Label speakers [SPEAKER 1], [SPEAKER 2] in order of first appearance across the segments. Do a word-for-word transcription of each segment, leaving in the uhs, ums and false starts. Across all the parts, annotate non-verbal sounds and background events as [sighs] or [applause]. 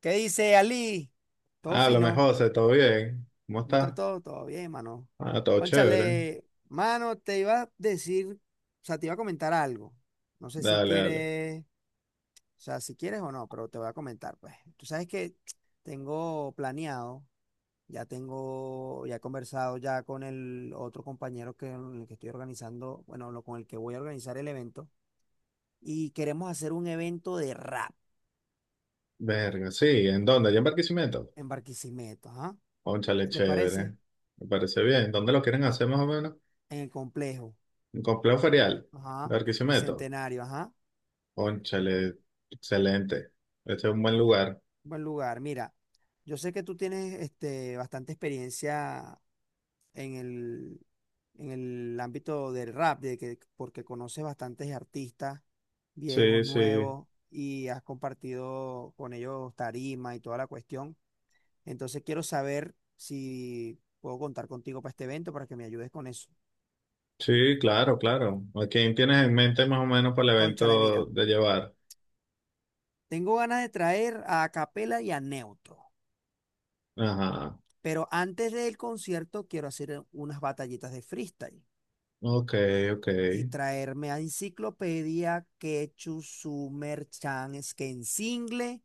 [SPEAKER 1] ¿Qué dice Ali? Todo
[SPEAKER 2] Ah, lo
[SPEAKER 1] fino.
[SPEAKER 2] mejor, José, ¿todo bien? ¿Cómo
[SPEAKER 1] ¿Cómo está
[SPEAKER 2] estás?
[SPEAKER 1] todo? Todo bien, mano.
[SPEAKER 2] Ah, todo chévere.
[SPEAKER 1] Cónchale, mano, te iba a decir, o sea, te iba a comentar algo. No sé si
[SPEAKER 2] Dale, dale.
[SPEAKER 1] quieres, o sea, si quieres o no, pero te voy a comentar, pues. Tú sabes que tengo planeado, ya tengo, ya he conversado ya con el otro compañero que, con el que estoy organizando, bueno, lo- con el que voy a organizar el evento, y queremos hacer un evento de rap
[SPEAKER 2] Verga, sí, ¿en dónde? ¿Ya en Barquisimeto?
[SPEAKER 1] en Barquisimeto, ¿ah?
[SPEAKER 2] Cónchale,
[SPEAKER 1] ¿Qué te parece?
[SPEAKER 2] chévere. Me parece bien. ¿Dónde lo quieren hacer más o menos?
[SPEAKER 1] En el complejo.
[SPEAKER 2] Un complejo ferial.
[SPEAKER 1] Ajá,
[SPEAKER 2] Barquisimeto.
[SPEAKER 1] Bicentenario, ajá,
[SPEAKER 2] Cónchale, excelente. Este es un buen lugar.
[SPEAKER 1] buen lugar. Mira, yo sé que tú tienes este, bastante experiencia en el, en el ámbito del rap, de que, porque conoces bastantes artistas, viejos,
[SPEAKER 2] Sí, sí.
[SPEAKER 1] nuevos, y has compartido con ellos tarima y toda la cuestión. Entonces quiero saber si puedo contar contigo para este evento para que me ayudes con eso.
[SPEAKER 2] Sí, claro, claro. ¿A quién tienes en mente más o menos para el
[SPEAKER 1] Cónchale, mira,
[SPEAKER 2] evento de llevar?
[SPEAKER 1] tengo ganas de traer a Capela y a Neutro.
[SPEAKER 2] Ajá.
[SPEAKER 1] Pero antes del concierto quiero hacer eh, unas batallitas de freestyle
[SPEAKER 2] Ok, ok.
[SPEAKER 1] y traerme a Enciclopedia, Quechu, Sumer, Chan, single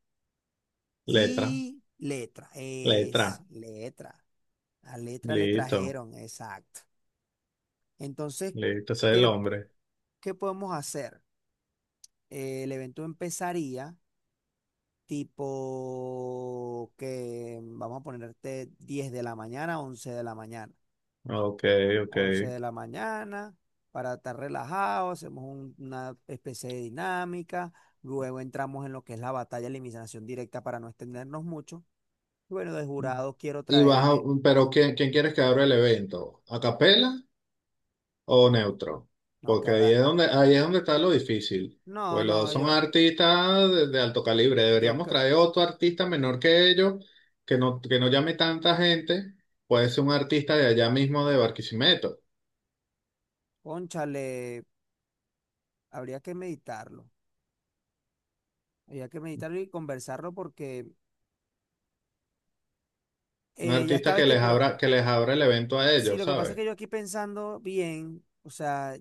[SPEAKER 2] Letra,
[SPEAKER 1] y letra. Es
[SPEAKER 2] letra.
[SPEAKER 1] letra. La letra le
[SPEAKER 2] Listo,
[SPEAKER 1] trajeron, exacto. Entonces,
[SPEAKER 2] listo. Ese es el
[SPEAKER 1] ¿qué,
[SPEAKER 2] hombre.
[SPEAKER 1] qué podemos hacer? Eh, el evento empezaría tipo que vamos a ponerte diez de la mañana, once de la mañana.
[SPEAKER 2] Ok, ok.
[SPEAKER 1] once de la mañana, para estar relajados, hacemos un- una especie de dinámica, luego entramos en lo que es la batalla de eliminación directa para no extendernos mucho. Y bueno, de jurado quiero
[SPEAKER 2] Y vas a-
[SPEAKER 1] traerme,
[SPEAKER 2] pero ¿quién, quién quieres que abra el evento? ¿A capela o neutro?
[SPEAKER 1] no, que
[SPEAKER 2] Porque ahí
[SPEAKER 1] habrá,
[SPEAKER 2] es donde, ahí es donde está lo difícil.
[SPEAKER 1] no,
[SPEAKER 2] Pues los dos
[SPEAKER 1] no,
[SPEAKER 2] son
[SPEAKER 1] yo,
[SPEAKER 2] artistas de, de alto calibre.
[SPEAKER 1] yo,
[SPEAKER 2] Deberíamos
[SPEAKER 1] cre-
[SPEAKER 2] traer otro artista menor que ellos, que no, que no llame tanta gente. Puede ser un artista de allá mismo de Barquisimeto.
[SPEAKER 1] cónchale, habría que meditarlo, habría que meditarlo y conversarlo porque
[SPEAKER 2] Un
[SPEAKER 1] eh, ya
[SPEAKER 2] artista
[SPEAKER 1] estaba
[SPEAKER 2] que
[SPEAKER 1] este
[SPEAKER 2] les
[SPEAKER 1] puro,
[SPEAKER 2] abra, que les abra el evento a
[SPEAKER 1] sí,
[SPEAKER 2] ellos,
[SPEAKER 1] lo que pasa es
[SPEAKER 2] ¿sabes?
[SPEAKER 1] que yo aquí pensando bien, o sea,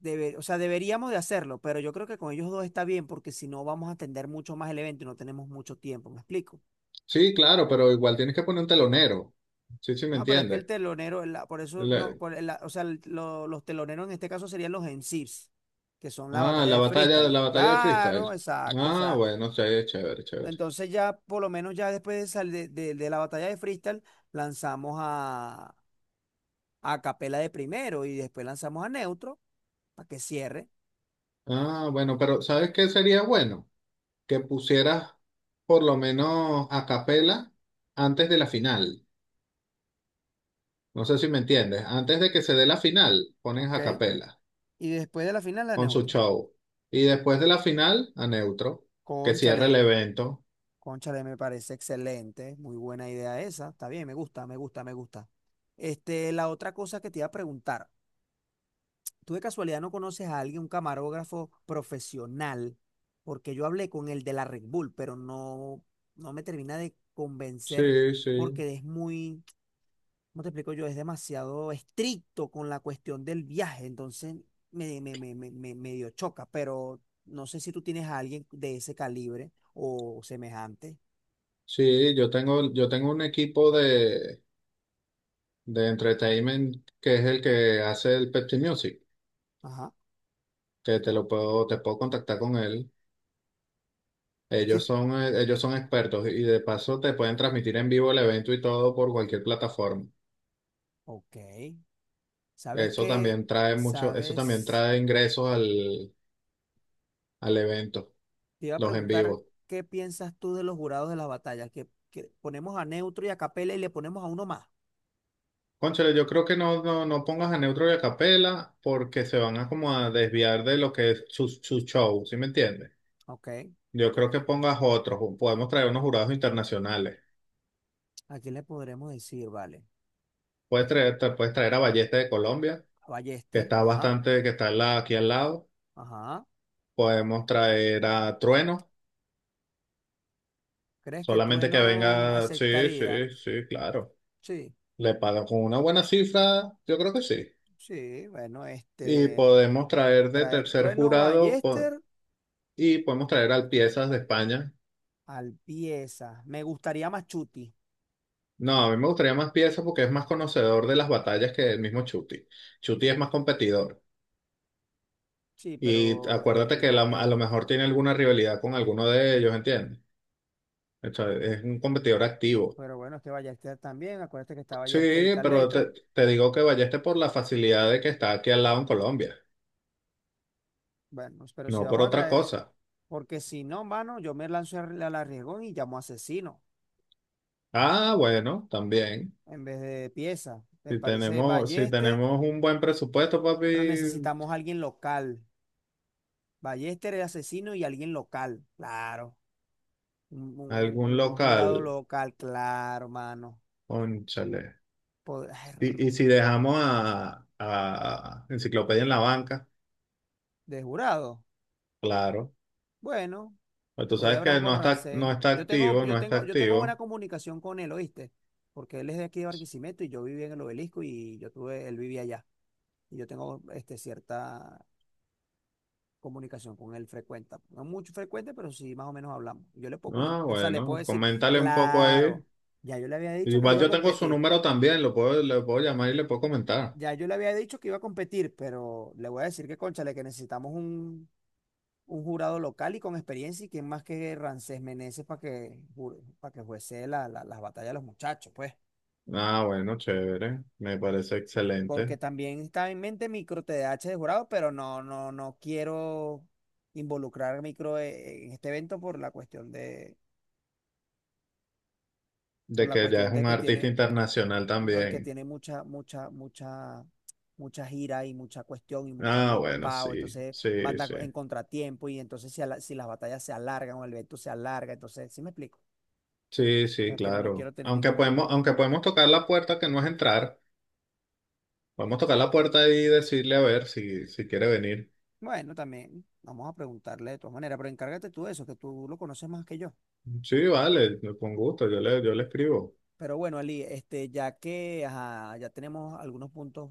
[SPEAKER 1] Debe- o sea, deberíamos de hacerlo, pero yo creo que con ellos dos está bien porque si no vamos a atender mucho más el evento y no tenemos mucho tiempo, ¿me explico?
[SPEAKER 2] Sí, claro, pero igual tienes que poner un telonero. Sí, sí, me
[SPEAKER 1] No, pero es que el
[SPEAKER 2] entiendes.
[SPEAKER 1] telonero, la- por eso no, por la- o sea, el- lo- los teloneros en este caso serían los M Cs, que son la
[SPEAKER 2] Ah,
[SPEAKER 1] batalla
[SPEAKER 2] la
[SPEAKER 1] de
[SPEAKER 2] batalla,
[SPEAKER 1] freestyle.
[SPEAKER 2] la batalla del
[SPEAKER 1] Claro,
[SPEAKER 2] freestyle.
[SPEAKER 1] exacto, o
[SPEAKER 2] Ah,
[SPEAKER 1] sea,
[SPEAKER 2] bueno, sí, chévere, chévere.
[SPEAKER 1] entonces ya por lo menos ya después de, sal- de, de- de la batalla de freestyle lanzamos a, a Capela de primero y después lanzamos a Neutro para que cierre,
[SPEAKER 2] Ah, bueno, pero ¿sabes qué sería bueno? Que pusieras por lo menos a capela antes de la final. No sé si me entiendes. Antes de que se dé la final, ponen
[SPEAKER 1] ¿ok?
[SPEAKER 2] a capela
[SPEAKER 1] Y después de la final a
[SPEAKER 2] con su
[SPEAKER 1] Neutro.
[SPEAKER 2] show. Y después de la final, a neutro, que
[SPEAKER 1] Cónchale.
[SPEAKER 2] cierre el evento.
[SPEAKER 1] Cónchale, me parece excelente, muy buena idea esa. Está bien, me gusta, me gusta, me gusta. Este, la otra cosa que te iba a preguntar, ¿tú de casualidad no conoces a alguien, un camarógrafo profesional? Porque yo hablé con el de la Red Bull, pero no, no me termina de convencer
[SPEAKER 2] Sí, sí.
[SPEAKER 1] porque es muy, ¿cómo te explico yo? Es demasiado estricto con la cuestión del viaje, entonces me, me, me, me, me medio choca, pero no sé si tú tienes a alguien de ese calibre o semejante.
[SPEAKER 2] Sí, yo tengo, yo tengo un equipo de, de entertainment que es el que hace el Pepsi Music.
[SPEAKER 1] Ajá.
[SPEAKER 2] Que te lo puedo, te puedo contactar con él.
[SPEAKER 1] Si
[SPEAKER 2] Ellos son, eh, ellos son expertos y de paso te pueden transmitir en vivo el evento y todo por cualquier plataforma.
[SPEAKER 1] Ok. ¿Sabes
[SPEAKER 2] Eso
[SPEAKER 1] qué?
[SPEAKER 2] también trae mucho, eso también
[SPEAKER 1] ¿Sabes?
[SPEAKER 2] trae ingresos al, al evento,
[SPEAKER 1] Te iba a
[SPEAKER 2] los en
[SPEAKER 1] preguntar
[SPEAKER 2] vivo.
[SPEAKER 1] qué piensas tú de los jurados de las batallas, que, que ponemos a Neutro y a Capela y le ponemos a uno más.
[SPEAKER 2] Cónchale, yo creo que no, no, no pongas a Neutro y a Capela porque se van a como a desviar de lo que es su, su show, ¿sí me entiendes?
[SPEAKER 1] Ok.
[SPEAKER 2] Yo creo que pongas otros, podemos traer unos jurados internacionales.
[SPEAKER 1] ¿A quién le podremos decir, vale?
[SPEAKER 2] Puedes traer, te puedes traer a Ballesta de Colombia,
[SPEAKER 1] A
[SPEAKER 2] que
[SPEAKER 1] Ballester.
[SPEAKER 2] está
[SPEAKER 1] Ajá.
[SPEAKER 2] bastante, que está al lado- aquí al lado.
[SPEAKER 1] Ajá.
[SPEAKER 2] Podemos traer a Trueno,
[SPEAKER 1] ¿Crees que
[SPEAKER 2] solamente que
[SPEAKER 1] Trueno
[SPEAKER 2] venga, sí,
[SPEAKER 1] aceptaría?
[SPEAKER 2] sí, sí, claro.
[SPEAKER 1] Sí.
[SPEAKER 2] Le pagan con una buena cifra, yo creo que sí.
[SPEAKER 1] Sí, bueno,
[SPEAKER 2] Y
[SPEAKER 1] este,
[SPEAKER 2] podemos traer de
[SPEAKER 1] traer
[SPEAKER 2] tercer
[SPEAKER 1] Trueno
[SPEAKER 2] jurado po-
[SPEAKER 1] Ballester
[SPEAKER 2] y podemos traer al Piezas de España.
[SPEAKER 1] al pieza. Me gustaría más Chuti.
[SPEAKER 2] No, a mí me gustaría más Piezas porque es más conocedor de las batallas que el mismo Chuti. Chuti es más competidor.
[SPEAKER 1] Sí,
[SPEAKER 2] Y
[SPEAKER 1] pero en,
[SPEAKER 2] acuérdate
[SPEAKER 1] en
[SPEAKER 2] que la-
[SPEAKER 1] co-
[SPEAKER 2] a
[SPEAKER 1] en-
[SPEAKER 2] lo mejor tiene alguna rivalidad con alguno de ellos, ¿entiendes? O sea, es un competidor activo.
[SPEAKER 1] pero bueno, es que Ballester también, acuérdate que está
[SPEAKER 2] Sí,
[SPEAKER 1] Ballester y tal
[SPEAKER 2] pero
[SPEAKER 1] letra.
[SPEAKER 2] te, te digo que vayas por la facilidad de que está aquí al lado en Colombia,
[SPEAKER 1] Bueno, pero si
[SPEAKER 2] no por
[SPEAKER 1] vamos a
[SPEAKER 2] otra
[SPEAKER 1] traer,
[SPEAKER 2] cosa.
[SPEAKER 1] porque si no, mano, yo me lanzo al al arriesgón y llamo asesino
[SPEAKER 2] Ah, bueno, también.
[SPEAKER 1] en vez de pieza. Me
[SPEAKER 2] Si
[SPEAKER 1] parece
[SPEAKER 2] tenemos, si
[SPEAKER 1] Ballester,
[SPEAKER 2] tenemos un buen presupuesto, papi,
[SPEAKER 1] pero necesitamos a alguien local. Ballester es asesino y alguien local, claro. Un, un-
[SPEAKER 2] algún
[SPEAKER 1] un- un jurado
[SPEAKER 2] local,
[SPEAKER 1] local, claro, mano.
[SPEAKER 2] cónchale.
[SPEAKER 1] Pod- [sighs]
[SPEAKER 2] Y, y si dejamos a, a Enciclopedia en la banca,
[SPEAKER 1] De jurado.
[SPEAKER 2] claro.
[SPEAKER 1] Bueno,
[SPEAKER 2] Pues tú
[SPEAKER 1] podía
[SPEAKER 2] sabes
[SPEAKER 1] hablar
[SPEAKER 2] que
[SPEAKER 1] con
[SPEAKER 2] no está, no
[SPEAKER 1] Rancé.
[SPEAKER 2] está
[SPEAKER 1] Yo tengo,
[SPEAKER 2] activo, no
[SPEAKER 1] yo
[SPEAKER 2] está
[SPEAKER 1] tengo, yo tengo buena
[SPEAKER 2] activo.
[SPEAKER 1] comunicación con él, ¿oíste? Porque él es de aquí de Barquisimeto y yo vivía en el Obelisco y yo tuve, él vivía allá. Y yo tengo este, cierta comunicación con él frecuente. No mucho frecuente, pero sí más o menos hablamos. Yo le puedo
[SPEAKER 2] Ah,
[SPEAKER 1] comentar, o sea, le puedo
[SPEAKER 2] bueno,
[SPEAKER 1] decir,
[SPEAKER 2] coméntale un poco ahí.
[SPEAKER 1] claro, ya yo le había dicho que le
[SPEAKER 2] Igual
[SPEAKER 1] iba a
[SPEAKER 2] yo tengo su
[SPEAKER 1] competir.
[SPEAKER 2] número también, lo puedo, le puedo llamar y le puedo comentar.
[SPEAKER 1] Ya yo le había dicho que iba a competir, pero le voy a decir que, cónchale, que necesitamos un, un jurado local y con experiencia, y quién más que Rancés Meneses para que, para que juece la- la- las batallas de los muchachos, pues.
[SPEAKER 2] Ah, bueno, chévere. Me parece
[SPEAKER 1] Porque
[SPEAKER 2] excelente.
[SPEAKER 1] también está en mente micro T D A H de jurado, pero no, no, no quiero involucrar micro eh, en este evento por la cuestión de, por
[SPEAKER 2] De
[SPEAKER 1] la
[SPEAKER 2] que ya
[SPEAKER 1] cuestión
[SPEAKER 2] es
[SPEAKER 1] de
[SPEAKER 2] un
[SPEAKER 1] que
[SPEAKER 2] artista
[SPEAKER 1] tiene,
[SPEAKER 2] internacional
[SPEAKER 1] no, y que
[SPEAKER 2] también.
[SPEAKER 1] tiene mucha, mucha, mucha, mucha gira y mucha cuestión y mu- está muy
[SPEAKER 2] Ah, bueno,
[SPEAKER 1] ocupado,
[SPEAKER 2] sí,
[SPEAKER 1] entonces va a
[SPEAKER 2] sí,
[SPEAKER 1] andar
[SPEAKER 2] sí.
[SPEAKER 1] en contratiempo y entonces si, a la- si las batallas se alargan o el evento se alarga, entonces, ¿sí me explico?
[SPEAKER 2] Sí, sí,
[SPEAKER 1] No quiero, no
[SPEAKER 2] claro.
[SPEAKER 1] quiero tener
[SPEAKER 2] Aunque
[SPEAKER 1] ningún
[SPEAKER 2] podemos,
[SPEAKER 1] tipo.
[SPEAKER 2] aunque podemos tocar la puerta que no es entrar. Podemos tocar la puerta y decirle a ver si, si quiere venir.
[SPEAKER 1] Bueno, también vamos a preguntarle de todas maneras, pero encárgate tú de eso, que tú lo conoces más que yo.
[SPEAKER 2] Sí, vale, con gusto, yo le, yo le escribo.
[SPEAKER 1] Pero bueno, Ali, este, ya que ajá, ya tenemos algunos puntos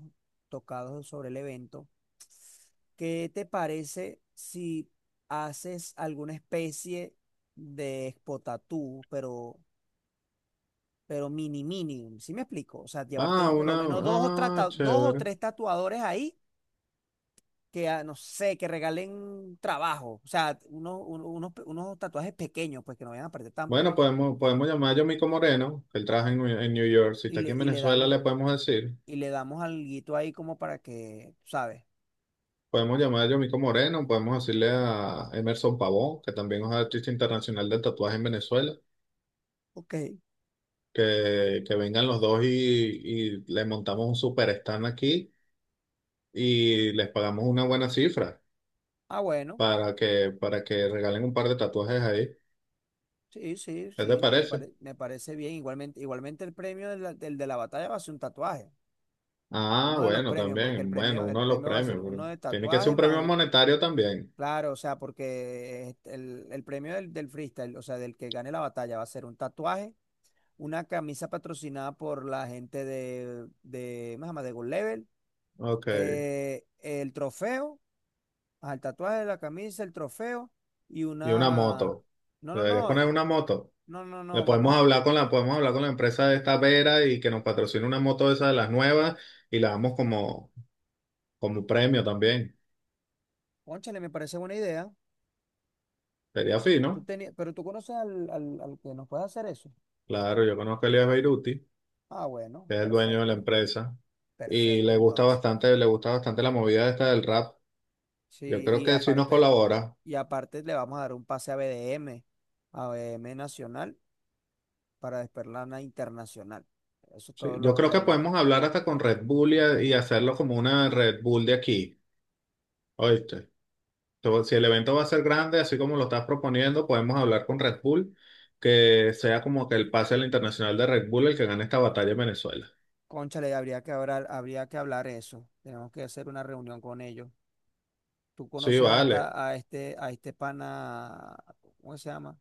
[SPEAKER 1] tocados sobre el evento, ¿qué te parece si haces alguna especie de expo tatú, pero, pero mini mini? ¿Sí me explico? O sea, llevarte
[SPEAKER 2] Ah,
[SPEAKER 1] por
[SPEAKER 2] una,
[SPEAKER 1] lo menos dos o,
[SPEAKER 2] ah,
[SPEAKER 1] trata- dos o
[SPEAKER 2] chévere.
[SPEAKER 1] tres tatuadores ahí que, ah, no sé, que regalen trabajo. O sea, unos, uno- unos, pe- unos tatuajes pequeños, pues que no vayan a aparecer tanto,
[SPEAKER 2] Bueno, podemos, podemos llamar a Yomiko Moreno, que él trabaja en, New- en New York. Si
[SPEAKER 1] y
[SPEAKER 2] está
[SPEAKER 1] le,
[SPEAKER 2] aquí en
[SPEAKER 1] y le
[SPEAKER 2] Venezuela,
[SPEAKER 1] damos,
[SPEAKER 2] le podemos decir.
[SPEAKER 1] y le damos alguito ahí como para que, ¿sabes?
[SPEAKER 2] Podemos llamar a Yomiko Moreno, podemos decirle a Emerson Pavón, que también es artista internacional del tatuaje en Venezuela,
[SPEAKER 1] Ok.
[SPEAKER 2] que, que vengan los dos y, y le montamos un super stand aquí y les pagamos una buena cifra
[SPEAKER 1] Ah, bueno,
[SPEAKER 2] para que, para que regalen un par de tatuajes ahí.
[SPEAKER 1] sí, sí,
[SPEAKER 2] ¿Qué te
[SPEAKER 1] sí, me
[SPEAKER 2] parece?
[SPEAKER 1] pare- me parece bien. Igualmente, igualmente el premio de la- del de la batalla va a ser un tatuaje,
[SPEAKER 2] Ah,
[SPEAKER 1] uno de los
[SPEAKER 2] bueno,
[SPEAKER 1] premios, porque el
[SPEAKER 2] también, bueno,
[SPEAKER 1] premio, el
[SPEAKER 2] uno de los
[SPEAKER 1] premio va a ser
[SPEAKER 2] premios.
[SPEAKER 1] uno
[SPEAKER 2] Bueno,
[SPEAKER 1] de
[SPEAKER 2] tiene que ser
[SPEAKER 1] tatuaje
[SPEAKER 2] un
[SPEAKER 1] más,
[SPEAKER 2] premio
[SPEAKER 1] el-
[SPEAKER 2] monetario también.
[SPEAKER 1] claro, o sea, porque este, el, el premio del, del freestyle, o sea, del que gane la batalla va a ser un tatuaje, una camisa patrocinada por la gente de, de, ¿cómo se llama? De Gold Level,
[SPEAKER 2] Ok,
[SPEAKER 1] eh, el trofeo, ajá, el tatuaje de la camisa, el trofeo y
[SPEAKER 2] y una
[SPEAKER 1] una,
[SPEAKER 2] moto.
[SPEAKER 1] no, no,
[SPEAKER 2] Deberías
[SPEAKER 1] no,
[SPEAKER 2] poner una moto.
[SPEAKER 1] no, no,
[SPEAKER 2] Le
[SPEAKER 1] no,
[SPEAKER 2] podemos
[SPEAKER 1] vamos a.
[SPEAKER 2] hablar con la, podemos hablar con la empresa de esta Vera y que nos patrocine una moto de esas de las nuevas y la damos como, como premio también.
[SPEAKER 1] Cónchale, me parece buena idea.
[SPEAKER 2] Sería
[SPEAKER 1] Tú
[SPEAKER 2] fino.
[SPEAKER 1] tenías, pero tú conoces al, al, al que nos puede hacer eso.
[SPEAKER 2] Claro, yo conozco a Elías Beiruti,
[SPEAKER 1] Ah, bueno,
[SPEAKER 2] que es el dueño de la
[SPEAKER 1] perfecto.
[SPEAKER 2] empresa, y
[SPEAKER 1] Perfecto,
[SPEAKER 2] le gusta
[SPEAKER 1] entonces.
[SPEAKER 2] bastante, le gusta bastante la movida esta del rap. Yo
[SPEAKER 1] Sí,
[SPEAKER 2] creo
[SPEAKER 1] y
[SPEAKER 2] que sí nos
[SPEAKER 1] aparte,
[SPEAKER 2] colabora.
[SPEAKER 1] y aparte le vamos a dar un pase a B D M, a B D M Nacional, para Desperlana Internacional. Eso
[SPEAKER 2] Sí,
[SPEAKER 1] todos
[SPEAKER 2] yo
[SPEAKER 1] los
[SPEAKER 2] creo que
[SPEAKER 1] premios.
[SPEAKER 2] podemos hablar hasta con Red Bull y, a- y hacerlo como una Red Bull de aquí. ¿Oíste? So, si el evento va a ser grande, así como lo estás proponiendo, podemos hablar con Red Bull, que sea como que el pase al internacional de Red Bull el que gane esta batalla en Venezuela.
[SPEAKER 1] Cónchale, habría que hablar, habría que hablar eso. Tenemos que hacer una reunión con ellos. Tú
[SPEAKER 2] Sí,
[SPEAKER 1] conoces a
[SPEAKER 2] vale.
[SPEAKER 1] esta, a este, a este pana, ¿cómo se llama?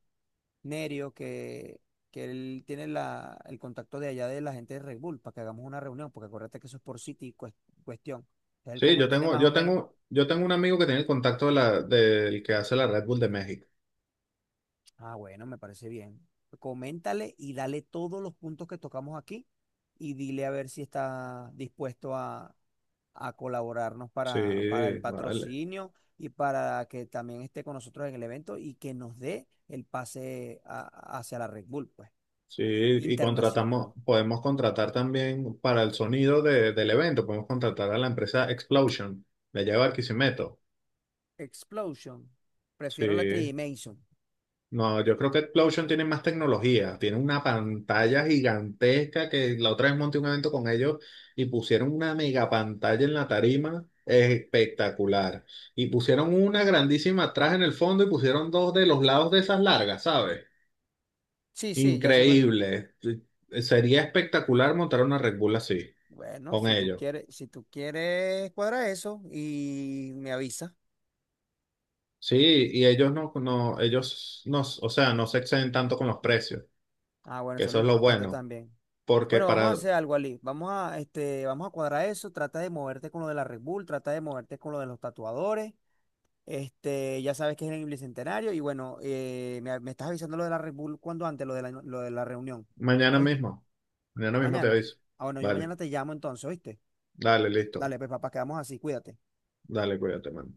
[SPEAKER 1] Nerio, que, que él tiene la, el contacto de allá de la gente de Red Bull para que hagamos una reunión, porque acuérdate que eso es por City cues- cuestión. Entonces, él,
[SPEAKER 2] Sí,
[SPEAKER 1] como
[SPEAKER 2] yo
[SPEAKER 1] él tiene
[SPEAKER 2] tengo,
[SPEAKER 1] más o
[SPEAKER 2] yo
[SPEAKER 1] menos,
[SPEAKER 2] tengo, yo tengo un amigo que tiene el contacto de la, del que hace la Red Bull de México.
[SPEAKER 1] ah, bueno, me parece bien. Coméntale y dale todos los puntos que tocamos aquí y dile a ver si está dispuesto a, a colaborarnos para, para
[SPEAKER 2] Sí,
[SPEAKER 1] el
[SPEAKER 2] vale.
[SPEAKER 1] patrocinio y para que también esté con nosotros en el evento y que nos dé el pase a- hacia la Red Bull, pues,
[SPEAKER 2] Sí, y contratamos,
[SPEAKER 1] internacional.
[SPEAKER 2] podemos contratar también para el sonido de- del evento, podemos contratar a la empresa Explosion, de allá de Barquisimeto.
[SPEAKER 1] Explosion. Prefiero la
[SPEAKER 2] Sí.
[SPEAKER 1] tridimension.
[SPEAKER 2] No, yo creo que Explosion tiene más tecnología, tiene una pantalla gigantesca que la otra vez monté un evento con ellos y pusieron una mega pantalla en la tarima espectacular. Y pusieron una grandísima atrás en el fondo y pusieron dos de los lados de esas largas, ¿sabes?
[SPEAKER 1] Sí, sí, ya sé cuál es.
[SPEAKER 2] Increíble. Sí, sería espectacular montar una Red Bull así,
[SPEAKER 1] Bueno,
[SPEAKER 2] con
[SPEAKER 1] si tú
[SPEAKER 2] ellos.
[SPEAKER 1] quieres, si tú quieres, cuadra eso y me avisa.
[SPEAKER 2] Sí, y ellos no, no, ellos no, o sea, no se exceden tanto con los precios,
[SPEAKER 1] Ah, bueno,
[SPEAKER 2] que
[SPEAKER 1] eso es lo
[SPEAKER 2] eso es lo
[SPEAKER 1] importante
[SPEAKER 2] bueno
[SPEAKER 1] también.
[SPEAKER 2] porque
[SPEAKER 1] Bueno, vamos a
[SPEAKER 2] para,
[SPEAKER 1] hacer algo, Ali. Vamos a, este, vamos a cuadrar eso. Trata de moverte con lo de la Red Bull, trata de moverte con lo de los tatuadores. Este, ya sabes que es en el Bicentenario. Y bueno, eh, me, me estás avisando lo de la Red Bull cuando antes, lo de la, lo de la reunión.
[SPEAKER 2] mañana
[SPEAKER 1] ¿Oíste?
[SPEAKER 2] mismo. Mañana mismo te
[SPEAKER 1] Mañana.
[SPEAKER 2] aviso.
[SPEAKER 1] Ah, bueno, yo
[SPEAKER 2] Dale,
[SPEAKER 1] mañana te llamo entonces, ¿oíste?
[SPEAKER 2] dale, listo.
[SPEAKER 1] Dale, pues papá, quedamos así, cuídate.
[SPEAKER 2] Dale, cuídate, mano.